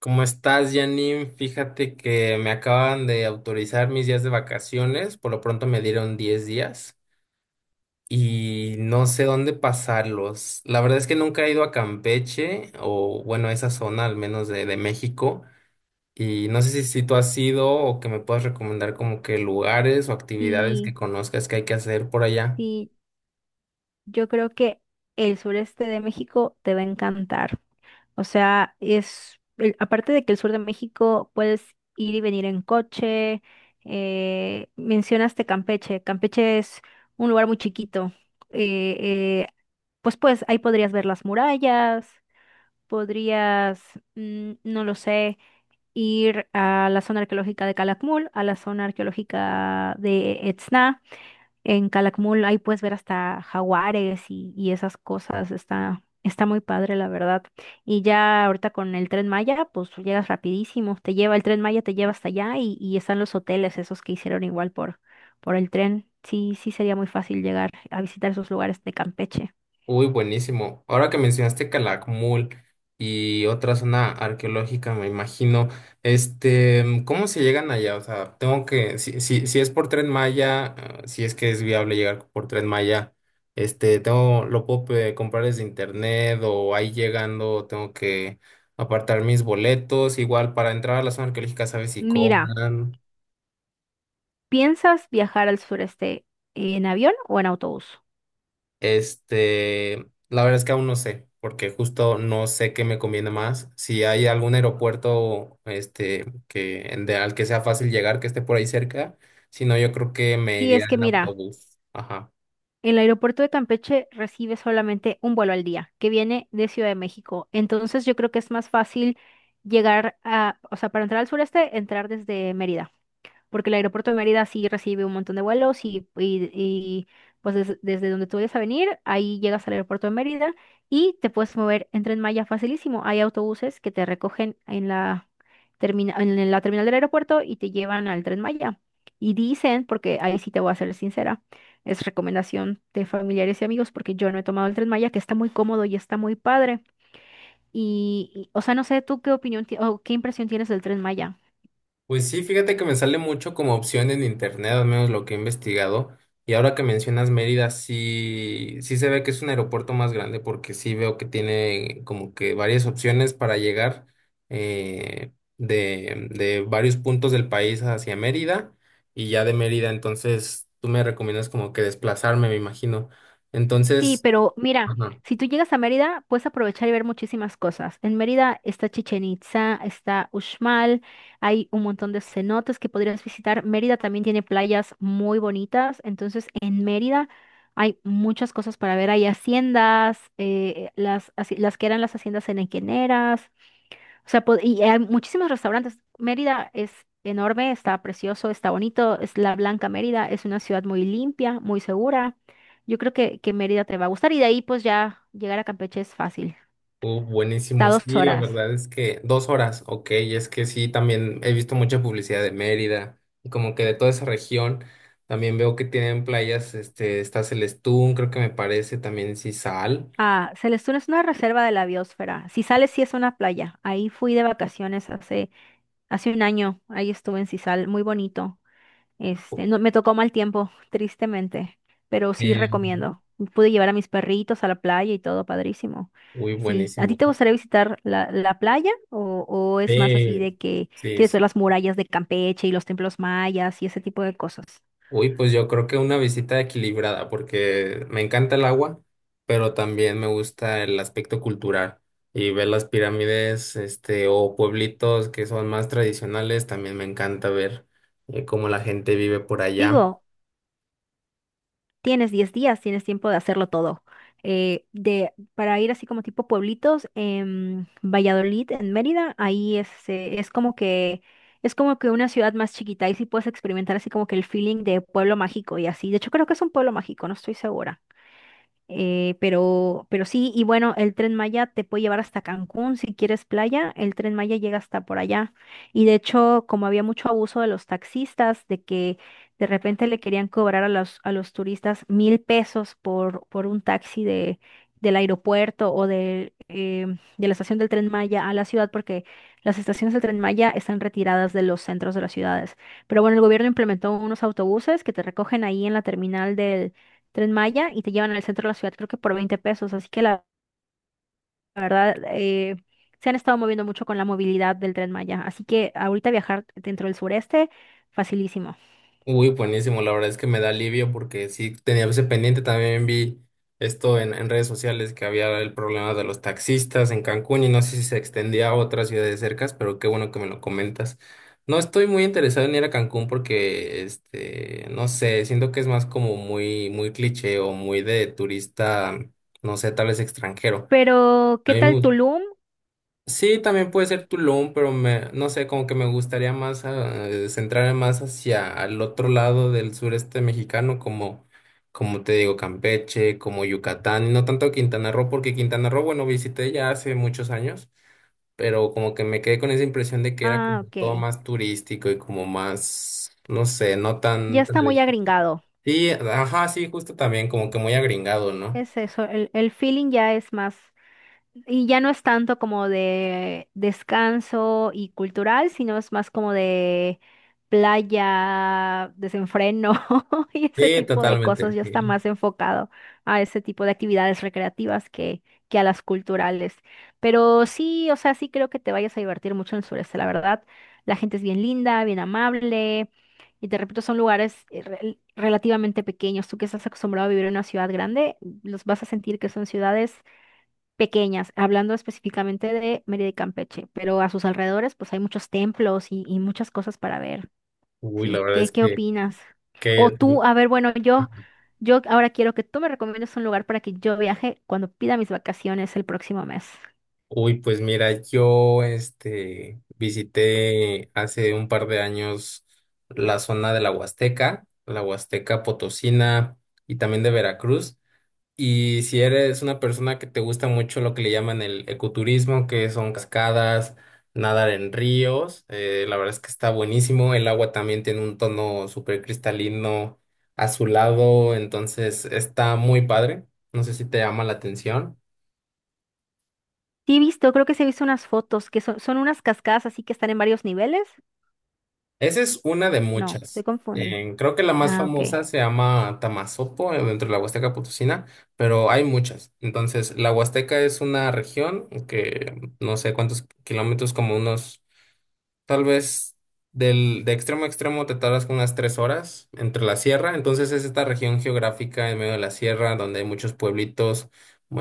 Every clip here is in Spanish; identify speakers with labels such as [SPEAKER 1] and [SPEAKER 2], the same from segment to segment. [SPEAKER 1] ¿Cómo estás, Janine? Fíjate que me acaban de autorizar mis días de vacaciones, por lo pronto me dieron 10 días y no sé dónde pasarlos. La verdad es que nunca he ido a Campeche o bueno, a esa zona al menos de México y no sé si tú has ido o que me puedas recomendar como que lugares o actividades que
[SPEAKER 2] Sí,
[SPEAKER 1] conozcas que hay que hacer por allá.
[SPEAKER 2] sí, yo creo que el sureste de México te va a encantar. O sea, es, aparte de que el sur de México puedes ir y venir en coche, mencionaste Campeche. Campeche es un lugar muy chiquito. eh, eh, pues ahí podrías ver las murallas, podrías, no lo sé, ir a la zona arqueológica de Calakmul, a la zona arqueológica de Etzna. En Calakmul ahí puedes ver hasta jaguares y esas cosas. Está muy padre, la verdad. Y ya ahorita con el Tren Maya, pues llegas rapidísimo. Te lleva, el Tren Maya te lleva hasta allá y están los hoteles, esos que hicieron igual por el tren. Sí, sí sería muy fácil llegar a visitar esos lugares de Campeche.
[SPEAKER 1] Uy, buenísimo. Ahora que mencionaste Calakmul y otra zona arqueológica, me imagino, este, ¿cómo se llegan allá? O sea, tengo que, si es por Tren Maya, ah, si es que es viable llegar por Tren Maya, este, tengo, lo puedo comprar desde internet o ahí llegando tengo que apartar mis boletos, igual para entrar a la zona arqueológica, ¿sabes si
[SPEAKER 2] Mira,
[SPEAKER 1] cobran?
[SPEAKER 2] ¿piensas viajar al sureste en avión o en autobús?
[SPEAKER 1] Este, la verdad es que aún no sé, porque justo no sé qué me conviene más. Si hay algún aeropuerto, este, que al que sea fácil llegar, que esté por ahí cerca, si no, yo creo que me
[SPEAKER 2] Sí,
[SPEAKER 1] iría
[SPEAKER 2] es que
[SPEAKER 1] en
[SPEAKER 2] mira,
[SPEAKER 1] autobús. Ajá.
[SPEAKER 2] el aeropuerto de Campeche recibe solamente un vuelo al día que viene de Ciudad de México. Entonces yo creo que es más fácil llegar a, o sea, para entrar al sureste, entrar desde Mérida. Porque el aeropuerto de Mérida sí recibe un montón de vuelos y desde donde tú vayas a venir, ahí llegas al aeropuerto de Mérida y te puedes mover en Tren Maya facilísimo. Hay autobuses que te recogen en la, en la terminal del aeropuerto y te llevan al Tren Maya. Y dicen, porque ahí sí te voy a ser sincera, es recomendación de familiares y amigos porque yo no he tomado el Tren Maya, que está muy cómodo y está muy padre. O sea, no sé, ¿tú qué opinión o qué impresión tienes del Tren Maya?
[SPEAKER 1] Pues sí, fíjate que me sale mucho como opción en internet, al menos lo que he investigado. Y ahora que mencionas Mérida, sí, sí se ve que es un aeropuerto más grande porque sí veo que tiene como que varias opciones para llegar, eh, de varios puntos del país hacia Mérida y ya de Mérida, entonces tú me recomiendas como que desplazarme, me imagino.
[SPEAKER 2] Sí,
[SPEAKER 1] Entonces...
[SPEAKER 2] pero mira,
[SPEAKER 1] Ajá.
[SPEAKER 2] si tú llegas a Mérida, puedes aprovechar y ver muchísimas cosas. En Mérida está Chichen Itza, está Uxmal, hay un montón de cenotes que podrías visitar. Mérida también tiene playas muy bonitas, entonces en Mérida hay muchas cosas para ver. Hay haciendas, las, las que eran las haciendas henequeneras, o sea, y hay muchísimos restaurantes. Mérida es enorme, está precioso, está bonito. Es la Blanca Mérida, es una ciudad muy limpia, muy segura. Yo creo que Mérida te va a gustar y de ahí pues ya llegar a Campeche es fácil. Está
[SPEAKER 1] Buenísimo,
[SPEAKER 2] a dos
[SPEAKER 1] sí, la
[SPEAKER 2] horas.
[SPEAKER 1] verdad es que dos horas, ok, es que sí, también he visto mucha publicidad de Mérida y como que de toda esa región, también veo que tienen playas, este, está Celestún, creo que me parece, también Sisal.
[SPEAKER 2] Ah, Celestún es una reserva de la biosfera. Sisal es, sí es una playa. Ahí fui de vacaciones hace un año. Ahí estuve en Sisal, muy bonito. Este, no, me tocó mal tiempo, tristemente, pero sí
[SPEAKER 1] eh,
[SPEAKER 2] recomiendo. Pude llevar a mis perritos a la playa y todo, padrísimo.
[SPEAKER 1] Uy,
[SPEAKER 2] Sí, ¿a ti
[SPEAKER 1] buenísimo,
[SPEAKER 2] te gustaría visitar la, la playa o es más así
[SPEAKER 1] sí,
[SPEAKER 2] de que
[SPEAKER 1] sí,
[SPEAKER 2] quieres
[SPEAKER 1] sí.
[SPEAKER 2] ver las murallas de Campeche y los templos mayas y ese tipo de cosas?
[SPEAKER 1] Uy, pues yo creo que una visita equilibrada, porque me encanta el agua, pero también me gusta el aspecto cultural. Y ver las pirámides, este, o pueblitos que son más tradicionales, también me encanta ver cómo la gente vive por allá.
[SPEAKER 2] Digo, tienes 10 días, tienes tiempo de hacerlo todo. Para ir así como tipo pueblitos, en Valladolid, en Mérida, ahí es, es como que una ciudad más chiquita y sí puedes experimentar así como que el feeling de pueblo mágico y así. De hecho, creo que es un pueblo mágico, no estoy segura. Pero sí, y bueno, el Tren Maya te puede llevar hasta Cancún si quieres playa, el Tren Maya llega hasta por allá. Y de hecho, como había mucho abuso de los taxistas, de que de repente le querían cobrar a a los turistas 1000 pesos por un taxi del aeropuerto o de la estación del Tren Maya a la ciudad, porque las estaciones del Tren Maya están retiradas de los centros de las ciudades. Pero bueno, el gobierno implementó unos autobuses que te recogen ahí en la terminal del Tren Maya y te llevan al centro de la ciudad, creo que por 20 pesos. Así que la verdad, se han estado moviendo mucho con la movilidad del Tren Maya. Así que ahorita viajar dentro del sureste, facilísimo.
[SPEAKER 1] Uy, buenísimo, la verdad es que me da alivio porque sí tenía ese pendiente, también vi esto en redes sociales que había el problema de los taxistas en Cancún y no sé si se extendía a otras ciudades cercas, pero qué bueno que me lo comentas. No estoy muy interesado en ir a Cancún porque, este, no sé, siento que es más como muy cliché o muy de turista, no sé, tal vez extranjero.
[SPEAKER 2] Pero,
[SPEAKER 1] A
[SPEAKER 2] ¿qué
[SPEAKER 1] mí me,
[SPEAKER 2] tal
[SPEAKER 1] gust-
[SPEAKER 2] Tulum?
[SPEAKER 1] Sí, también puede ser Tulum, pero me, no sé, como que me gustaría más centrarme más hacia el otro lado del sureste mexicano, como, como te digo, Campeche, como Yucatán, y no tanto Quintana Roo, porque Quintana Roo, bueno, visité ya hace muchos años, pero como que me quedé con esa impresión de que era
[SPEAKER 2] Ah,
[SPEAKER 1] como todo
[SPEAKER 2] ok,
[SPEAKER 1] más turístico y como más, no sé, no
[SPEAKER 2] ya
[SPEAKER 1] tan...
[SPEAKER 2] está muy agringado.
[SPEAKER 1] Sí, ajá, sí, justo también, como que muy agringado, ¿no?
[SPEAKER 2] Es eso, el feeling ya es más. Y ya no es tanto como de descanso y cultural, sino es más como de playa, desenfreno y ese
[SPEAKER 1] Sí,
[SPEAKER 2] tipo de cosas.
[SPEAKER 1] totalmente,
[SPEAKER 2] Ya
[SPEAKER 1] sí.
[SPEAKER 2] está más enfocado a ese tipo de actividades recreativas que a las culturales. Pero sí, o sea, sí creo que te vayas a divertir mucho en el sureste, la verdad. La gente es bien linda, bien amable. Y te repito, son lugares relativamente pequeños. Tú que estás acostumbrado a vivir en una ciudad grande, los vas a sentir que son ciudades pequeñas, hablando específicamente de Mérida y Campeche, pero a sus alrededores pues hay muchos templos y muchas cosas para ver,
[SPEAKER 1] Uy, la
[SPEAKER 2] ¿sí?
[SPEAKER 1] verdad es
[SPEAKER 2] Qué opinas? O
[SPEAKER 1] que
[SPEAKER 2] tú, a ver, bueno, yo ahora quiero que tú me recomiendes un lugar para que yo viaje cuando pida mis vacaciones el próximo mes.
[SPEAKER 1] Uy, pues mira, yo este visité hace un par de años la zona de la Huasteca Potosina y también de Veracruz. Y si eres una persona que te gusta mucho lo que le llaman el ecoturismo, que son cascadas, nadar en ríos, la verdad es que está buenísimo. El agua también tiene un tono súper cristalino, azulado, entonces está muy padre. No sé si te llama la atención.
[SPEAKER 2] Sí, he visto, creo que se he visto unas fotos que son, son unas cascadas así que están en varios niveles.
[SPEAKER 1] Esa es una de
[SPEAKER 2] No, estoy
[SPEAKER 1] muchas.
[SPEAKER 2] confundida.
[SPEAKER 1] Creo que la más
[SPEAKER 2] Ah, ok.
[SPEAKER 1] famosa se llama Tamasopo, dentro de la Huasteca Potosina, pero hay muchas. Entonces, la Huasteca es una región que no sé cuántos kilómetros, como unos. Tal vez del, de extremo a extremo te tardas como unas 3 horas entre la sierra. Entonces es esta región geográfica en medio de la sierra donde hay muchos pueblitos,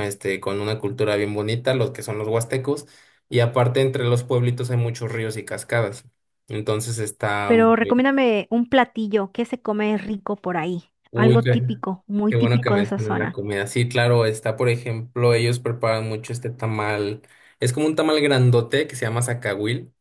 [SPEAKER 1] este, con una cultura bien bonita, los que son los huastecos. Y aparte entre los pueblitos hay muchos ríos y cascadas. Entonces está
[SPEAKER 2] Pero
[SPEAKER 1] muy...
[SPEAKER 2] recomiéndame un platillo que se come rico por ahí,
[SPEAKER 1] Uy,
[SPEAKER 2] algo típico, muy
[SPEAKER 1] qué bueno que
[SPEAKER 2] típico de esa
[SPEAKER 1] mencionas la
[SPEAKER 2] zona.
[SPEAKER 1] comida. Sí, claro, está, por ejemplo, ellos preparan mucho este tamal. Es como un tamal grandote que se llama zacahuil.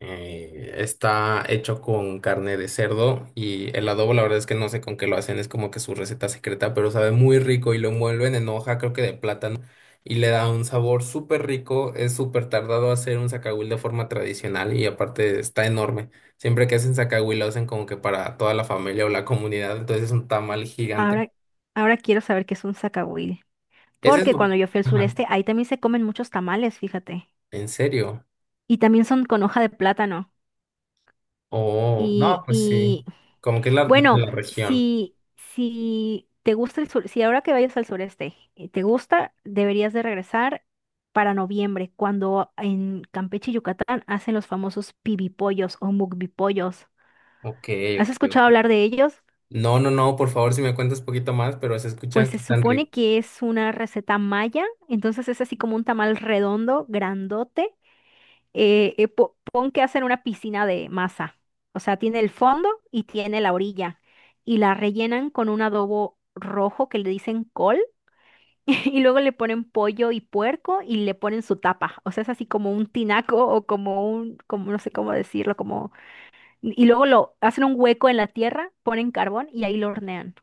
[SPEAKER 1] Está hecho con carne de cerdo y el adobo, la verdad es que no sé con qué lo hacen, es como que su receta secreta, pero sabe muy rico y lo envuelven en hoja, creo que de plátano, y le da un sabor súper rico. Es súper tardado hacer un zacahuil de forma tradicional y aparte está enorme. Siempre que hacen zacahuil lo hacen como que para toda la familia o la comunidad, entonces es un tamal gigante.
[SPEAKER 2] Ahora, ahora quiero saber qué es un zacahuil.
[SPEAKER 1] ¿Es
[SPEAKER 2] Porque
[SPEAKER 1] eso?
[SPEAKER 2] cuando yo fui al
[SPEAKER 1] Ajá.
[SPEAKER 2] sureste, ahí también se comen muchos tamales, fíjate.
[SPEAKER 1] ¿En serio?
[SPEAKER 2] Y también son con hoja de plátano.
[SPEAKER 1] Oh, no,
[SPEAKER 2] Y,
[SPEAKER 1] pues sí,
[SPEAKER 2] y
[SPEAKER 1] como que es la, de
[SPEAKER 2] bueno,
[SPEAKER 1] la región.
[SPEAKER 2] si te gusta el sur, si ahora que vayas al sureste te gusta, deberías de regresar para noviembre, cuando en Campeche y Yucatán hacen los famosos pibipollos o mukbipollos.
[SPEAKER 1] Ok,
[SPEAKER 2] ¿Has
[SPEAKER 1] ok,
[SPEAKER 2] escuchado
[SPEAKER 1] ok.
[SPEAKER 2] hablar de ellos?
[SPEAKER 1] No, no, no, por favor, si me cuentas poquito más, pero se
[SPEAKER 2] Pues
[SPEAKER 1] escucha que
[SPEAKER 2] se
[SPEAKER 1] están
[SPEAKER 2] supone que es una receta maya, entonces es así como un tamal redondo, grandote. Pon que hacen una piscina de masa. O sea, tiene el fondo y tiene la orilla. Y la rellenan con un adobo rojo que le dicen col. Y luego le ponen pollo y puerco y le ponen su tapa. O sea, es así como un tinaco o como un, como no sé cómo decirlo, como... Y luego lo hacen un hueco en la tierra, ponen carbón y ahí lo hornean.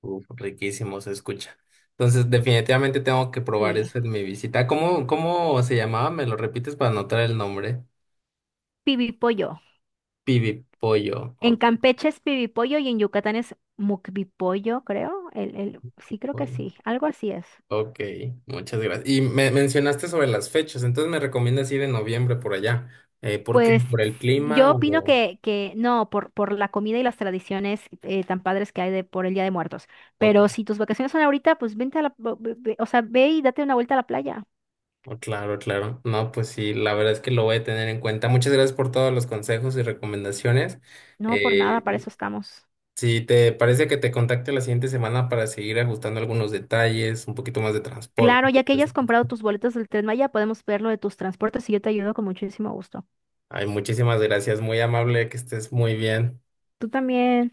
[SPEAKER 1] uf, riquísimo, se escucha. Entonces, definitivamente tengo que probar
[SPEAKER 2] Y
[SPEAKER 1] eso en mi visita. ¿Cómo, cómo se llamaba? ¿Me lo repites para anotar el nombre?
[SPEAKER 2] pibi pollo.
[SPEAKER 1] Pibi Pollo.
[SPEAKER 2] En
[SPEAKER 1] Ok,
[SPEAKER 2] Campeche es pibipollo y en Yucatán es mukbipollo, creo. Sí, creo que
[SPEAKER 1] pollo.
[SPEAKER 2] sí. Algo así es.
[SPEAKER 1] Ok, muchas gracias. Y me mencionaste sobre las fechas, entonces me recomiendas ir en noviembre por allá. ¿Por qué?
[SPEAKER 2] Pues
[SPEAKER 1] ¿Por el
[SPEAKER 2] sí,
[SPEAKER 1] clima
[SPEAKER 2] yo opino
[SPEAKER 1] o...?
[SPEAKER 2] que no, por la comida y las tradiciones tan padres que hay de, por el Día de Muertos.
[SPEAKER 1] Ok,
[SPEAKER 2] Pero si tus vacaciones son ahorita, pues vente a la, o sea, ve y date una vuelta a la playa.
[SPEAKER 1] oh, claro, claro. No, pues sí, la verdad es que lo voy a tener en cuenta. Muchas gracias por todos los consejos y recomendaciones.
[SPEAKER 2] No, por nada, para
[SPEAKER 1] Eh,
[SPEAKER 2] eso estamos.
[SPEAKER 1] Si te parece que te contacte la siguiente semana para seguir ajustando algunos detalles, un poquito más de transporte.
[SPEAKER 2] Claro, ya que hayas comprado
[SPEAKER 1] Por
[SPEAKER 2] tus boletos del Tren Maya, podemos ver lo de tus transportes y yo te ayudo con muchísimo gusto.
[SPEAKER 1] Ay, muchísimas gracias, muy amable, que estés muy bien.
[SPEAKER 2] Tú también.